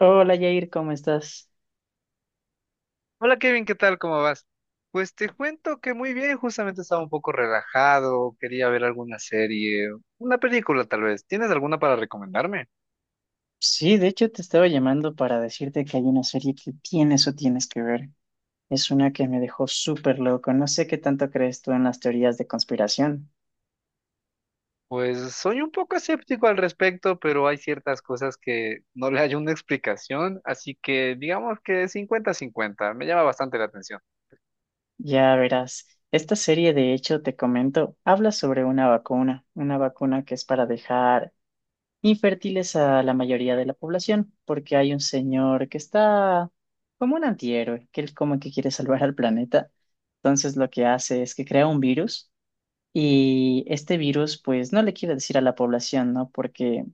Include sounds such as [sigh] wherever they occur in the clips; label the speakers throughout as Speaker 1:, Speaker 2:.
Speaker 1: Hola Jair, ¿cómo estás?
Speaker 2: Hola Kevin, ¿qué tal? ¿Cómo vas? Pues te cuento que muy bien, justamente estaba un poco relajado, quería ver alguna serie, una película tal vez. ¿Tienes alguna para recomendarme?
Speaker 1: Sí, de hecho te estaba llamando para decirte que hay una serie que tienes que ver. Es una que me dejó súper loco. No sé qué tanto crees tú en las teorías de conspiración.
Speaker 2: Pues soy un poco escéptico al respecto, pero hay ciertas cosas que no le hay una explicación, así que digamos que cincuenta-cincuenta me llama bastante la atención.
Speaker 1: Ya verás, esta serie de hecho te comento, habla sobre una vacuna que es para dejar infértiles a la mayoría de la población, porque hay un señor que está como un antihéroe, que él como que quiere salvar al planeta. Entonces lo que hace es que crea un virus. Y este virus, pues, no le quiere decir a la población, ¿no? Porque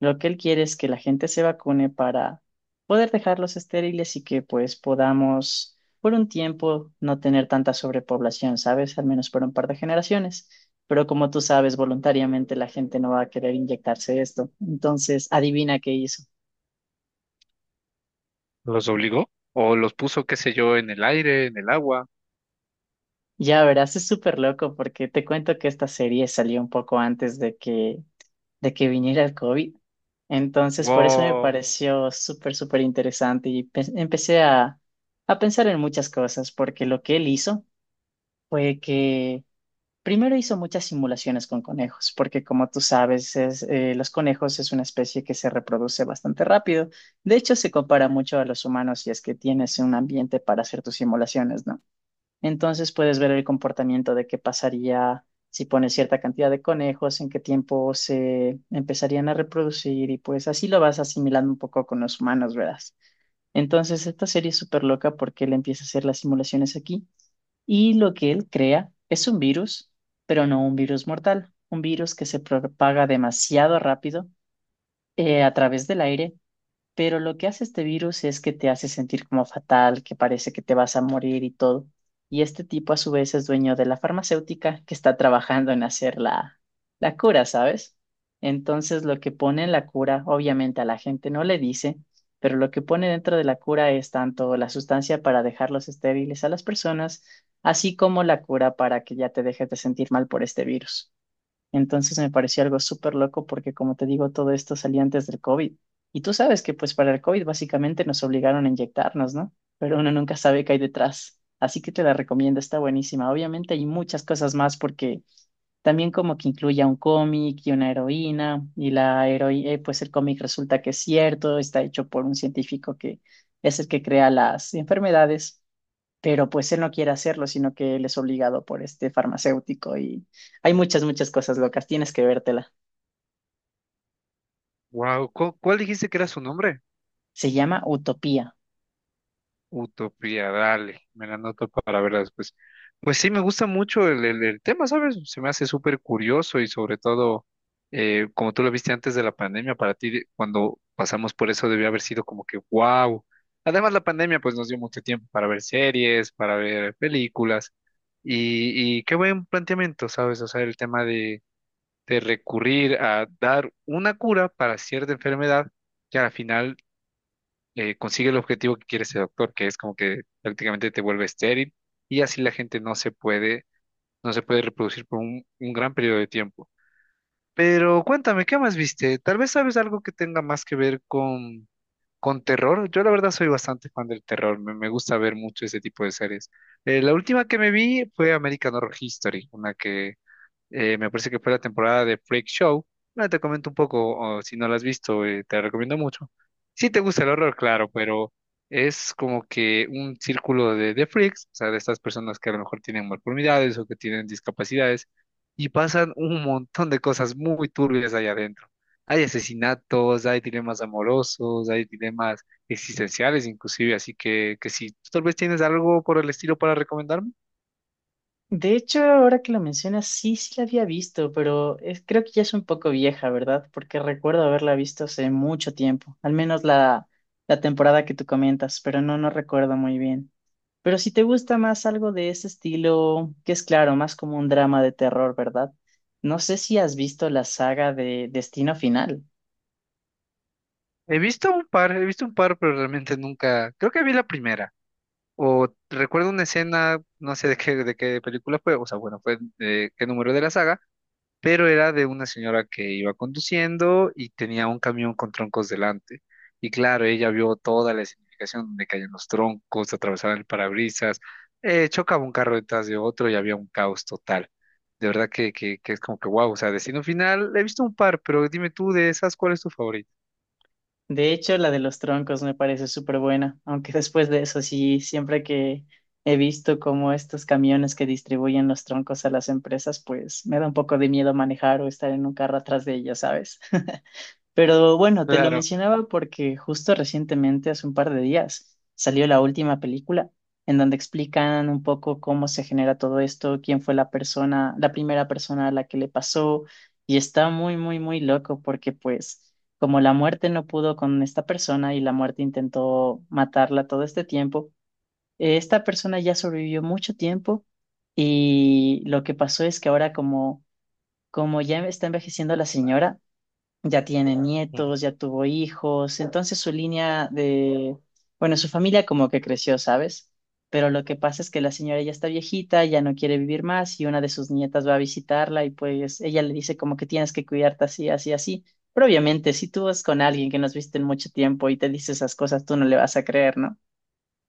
Speaker 1: lo que él quiere es que la gente se vacune para poder dejarlos estériles y que, pues, podamos por un tiempo no tener tanta sobrepoblación, ¿sabes? Al menos por un par de generaciones. Pero como tú sabes, voluntariamente la gente no va a querer inyectarse esto. Entonces, adivina qué hizo.
Speaker 2: ¿Los obligó? ¿O los puso, qué sé yo, en el aire, en el agua?
Speaker 1: Ya verás, es súper loco porque te cuento que esta serie salió un poco antes de que viniera el COVID. Entonces, por eso me
Speaker 2: Wow,
Speaker 1: pareció súper interesante y empecé a pensar en muchas cosas, porque lo que él hizo fue que primero hizo muchas simulaciones con conejos, porque como tú sabes, los conejos es una especie que se reproduce bastante rápido. De hecho, se compara mucho a los humanos si es que tienes un ambiente para hacer tus simulaciones, ¿no? Entonces puedes ver el comportamiento de qué pasaría si pones cierta cantidad de conejos, en qué tiempo se empezarían a reproducir y pues así lo vas asimilando un poco con los humanos, ¿verdad? Entonces esta serie es súper loca porque él empieza a hacer las simulaciones aquí y lo que él crea es un virus, pero no un virus mortal, un virus que se propaga demasiado rápido a través del aire, pero lo que hace este virus es que te hace sentir como fatal, que parece que te vas a morir y todo. Y este tipo a su vez es dueño de la farmacéutica que está trabajando en hacer la, la cura, ¿sabes? Entonces lo que pone en la cura, obviamente a la gente no le dice, pero lo que pone dentro de la cura es tanto la sustancia para dejarlos estériles a las personas, así como la cura para que ya te dejes de sentir mal por este virus. Entonces me pareció algo súper loco porque, como te digo, todo esto salía antes del COVID. Y tú sabes que pues para el COVID básicamente nos obligaron a inyectarnos, ¿no? Pero uno nunca sabe qué hay detrás. Así que te la recomiendo, está buenísima. Obviamente hay muchas cosas más porque también como que incluye a un cómic y una heroína, y la heroína, pues el cómic resulta que es cierto, está hecho por un científico que es el que crea las enfermedades, pero pues él no quiere hacerlo, sino que él es obligado por este farmacéutico y hay muchas, muchas cosas locas, tienes que vértela.
Speaker 2: wow. ¿Cuál dijiste que era su nombre?
Speaker 1: Se llama Utopía.
Speaker 2: Utopía, dale, me la anoto para verla después. Pues sí, me gusta mucho el tema, ¿sabes? Se me hace súper curioso y sobre todo, como tú lo viste antes de la pandemia, cuando pasamos por eso debió haber sido como que wow. Además, la pandemia pues nos dio mucho tiempo para ver series, para ver películas y qué buen planteamiento, ¿sabes? O sea, el tema de recurrir a dar una cura para cierta enfermedad que al final consigue el objetivo que quiere ese doctor, que es como que prácticamente te vuelve estéril y así la gente no se puede, no se puede reproducir por un gran periodo de tiempo. Pero cuéntame, ¿qué más viste? Tal vez sabes algo que tenga más que ver con terror. Yo la verdad soy bastante fan del terror, me gusta ver mucho ese tipo de series. La última que me vi fue American Horror History, una que me parece que fue la temporada de Freak Show. Ahora te comento un poco, o si no la has visto, te la recomiendo mucho. Si te gusta el horror, claro, pero es como que un círculo de freaks, o sea, de estas personas que a lo mejor tienen malformidades o que tienen discapacidades, y pasan un montón de cosas muy turbias allá adentro. Hay asesinatos, hay dilemas amorosos, hay dilemas existenciales inclusive, así que si tú tal vez tienes algo por el estilo para recomendarme.
Speaker 1: De hecho, ahora que lo mencionas, sí, sí la había visto, pero creo que ya es un poco vieja, ¿verdad? Porque recuerdo haberla visto hace mucho tiempo, al menos la, la temporada que tú comentas, pero no, no recuerdo muy bien. Pero si te gusta más algo de ese estilo, que es claro, más como un drama de terror, ¿verdad? No sé si has visto la saga de Destino Final.
Speaker 2: He visto un par, he visto un par, pero realmente nunca. Creo que vi la primera. O recuerdo una escena, no sé de qué película fue, o sea, bueno, fue de qué número de la saga, pero era de una señora que iba conduciendo y tenía un camión con troncos delante. Y claro, ella vio toda la significación donde caían los troncos, atravesaban el parabrisas, chocaba un carro detrás de otro y había un caos total. De verdad que es como que wow, o sea, Destino Final, he visto un par, pero dime tú de esas, ¿cuál es tu favorito?
Speaker 1: De hecho, la de los troncos me parece súper buena, aunque [laughs] después de eso sí, siempre que he visto como estos camiones que distribuyen los troncos a las empresas, pues me da un poco de miedo manejar o estar en un carro atrás de ellas, ¿sabes? [laughs] Pero bueno, te lo
Speaker 2: Claro.
Speaker 1: mencionaba porque justo recientemente, hace un par de días, salió la última película en donde explican un poco cómo se genera todo esto, quién fue la persona, la primera persona a la que le pasó, y está muy, muy, muy loco porque pues como la muerte no pudo con esta persona y la muerte intentó matarla todo este tiempo, esta persona ya sobrevivió mucho tiempo y lo que pasó es que ahora como, como ya está envejeciendo la señora, ya tiene nietos, ya tuvo hijos, entonces su línea de, bueno, su familia como que creció, ¿sabes? Pero lo que pasa es que la señora ya está viejita, ya no quiere vivir más y una de sus nietas va a visitarla y pues ella le dice como que tienes que cuidarte así, así, así. Pero obviamente, si tú vas con alguien que nos viste en mucho tiempo y te dice esas cosas, tú no le vas a creer, ¿no?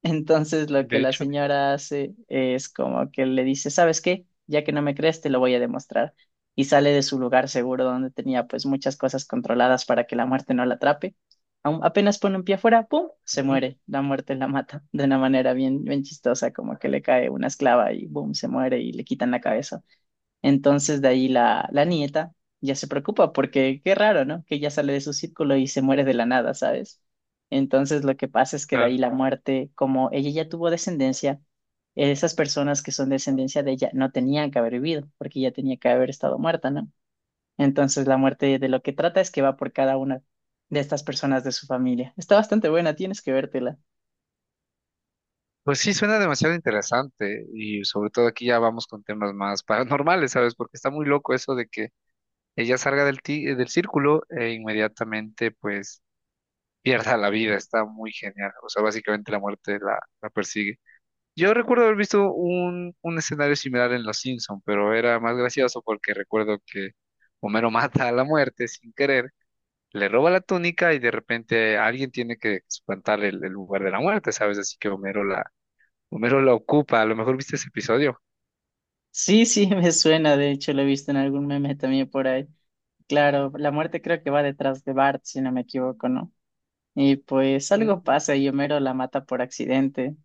Speaker 1: Entonces lo que
Speaker 2: De
Speaker 1: la
Speaker 2: hecho,
Speaker 1: señora hace es como que le dice, ¿sabes qué? Ya que no me crees, te lo voy a demostrar. Y sale de su lugar seguro donde tenía pues muchas cosas controladas para que la muerte no la atrape. Apenas pone un pie afuera, ¡pum! Se
Speaker 2: ujú,
Speaker 1: muere. La muerte la mata de una manera bien, bien chistosa, como que le cae una esclava y ¡boom! Se muere y le quitan la cabeza. Entonces de ahí la, la nieta ya se preocupa porque qué raro, ¿no? Que ya sale de su círculo y se muere de la nada, ¿sabes? Entonces lo que pasa es que de
Speaker 2: claro.
Speaker 1: ahí la muerte, como ella ya tuvo descendencia, esas personas que son descendencia de ella no tenían que haber vivido porque ya tenía que haber estado muerta, ¿no? Entonces la muerte de lo que trata es que va por cada una de estas personas de su familia. Está bastante buena, tienes que vértela.
Speaker 2: Pues sí, suena demasiado interesante y sobre todo aquí ya vamos con temas más paranormales, ¿sabes? Porque está muy loco eso de que ella salga del círculo e inmediatamente pues pierda la vida, está muy genial, o sea, básicamente la muerte la persigue. Yo recuerdo haber visto un escenario similar en Los Simpson, pero era más gracioso porque recuerdo que Homero [laughs] mata a la muerte sin querer, le roba la túnica y de repente alguien tiene que espantar el lugar de la muerte, ¿sabes? Así que Homero la ocupa, a lo mejor viste ese episodio.
Speaker 1: Sí, sí, [laughs] me suena, de hecho lo he visto en algún meme también por ahí. Claro, la muerte creo que va detrás de Bart, si no me equivoco, ¿no? Y pues algo
Speaker 2: Mm.
Speaker 1: pasa y Homero la mata por accidente.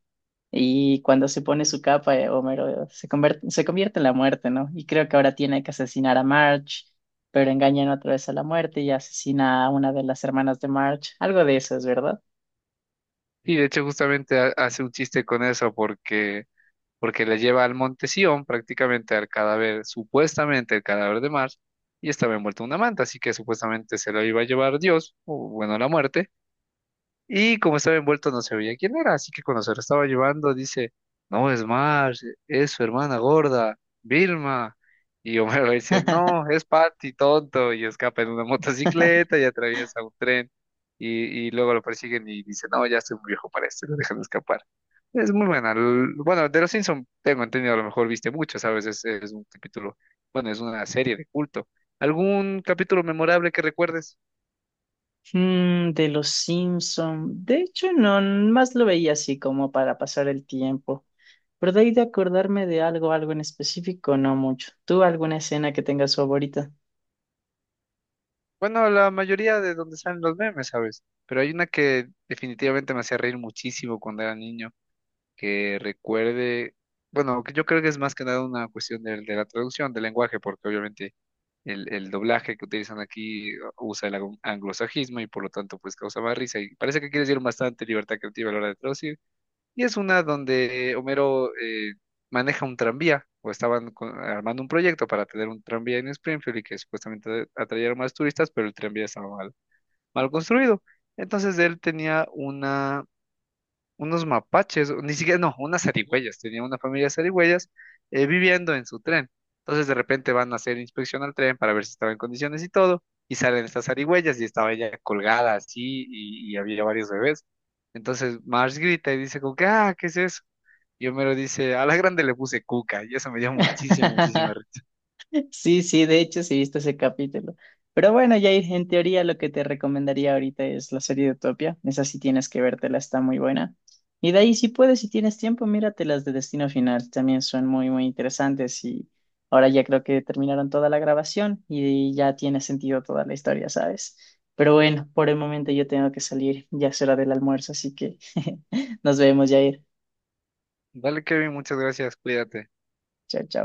Speaker 1: Y cuando se pone su capa, Homero se convierte en la muerte, ¿no? Y creo que ahora tiene que asesinar a Marge, pero engañan otra vez a la muerte y asesina a una de las hermanas de Marge. Algo de eso es, ¿verdad?
Speaker 2: Y de hecho justamente hace un chiste con eso porque, porque le lleva al Monte Sión prácticamente al cadáver, supuestamente el cadáver de Mars, y estaba envuelto en una manta, así que supuestamente se lo iba a llevar Dios, o bueno, la muerte. Y como estaba envuelto no se veía quién era, así que cuando se lo estaba llevando dice, no es Marge, es su hermana gorda, Vilma. Y Homero dice, no,
Speaker 1: [laughs]
Speaker 2: es Patty, tonto, y escapa en una motocicleta y atraviesa un tren. Y luego lo persiguen y dice, no, ya estoy muy viejo para esto, y lo dejan escapar. Es muy buena. Bueno, de los Simpson tengo entendido, a lo mejor viste mucho, ¿sabes? Es un capítulo, bueno, es una serie de culto. ¿Algún capítulo memorable que recuerdes?
Speaker 1: De los Simpson. De hecho, no, más lo veía así como para pasar el tiempo. Pero de ahí de acordarme de algo, algo en específico, no mucho. ¿Tú alguna escena que tengas favorita?
Speaker 2: Bueno, la mayoría de donde salen los memes, ¿sabes? Pero hay una que definitivamente me hacía reír muchísimo cuando era niño, que recuerde, bueno, que yo creo que es más que nada una cuestión de la traducción, del lenguaje, porque obviamente el doblaje que utilizan aquí usa el anglosajismo y por lo tanto pues causa más risa y parece que quiere decir bastante libertad creativa a la hora de traducir. Y es una donde Homero maneja un tranvía o estaban armando un proyecto para tener un tranvía en Springfield y que supuestamente atrayeron más turistas, pero el tranvía estaba mal construido. Entonces él tenía una, unos mapaches, o ni siquiera, no, unas zarigüeyas, tenía una familia de zarigüeyas viviendo en su tren. Entonces de repente van a hacer inspección al tren para ver si estaba en condiciones y todo, y salen estas zarigüeyas y estaba ella colgada así y había varios bebés. Entonces Marge grita y dice como que, ah, ¿qué es eso? Y Homero dice, a la grande le puse cuca, y eso me dio muchísima, muchísima
Speaker 1: [laughs]
Speaker 2: risa.
Speaker 1: Sí, sí, de hecho sí he visto ese capítulo. Pero bueno, Jair, en teoría lo que te recomendaría ahorita es la serie de Utopia. Esa sí tienes que vértela, está muy buena. Y de ahí, si puedes, si tienes tiempo, mírate las de Destino Final. También son muy, muy interesantes. Y ahora ya creo que terminaron toda la grabación y ya tiene sentido toda la historia, ¿sabes? Pero bueno, por el momento yo tengo que salir. Ya es hora del almuerzo, así que [laughs] nos vemos, Jair.
Speaker 2: Dale, Kevin, muchas gracias, cuídate.
Speaker 1: Chao, chao.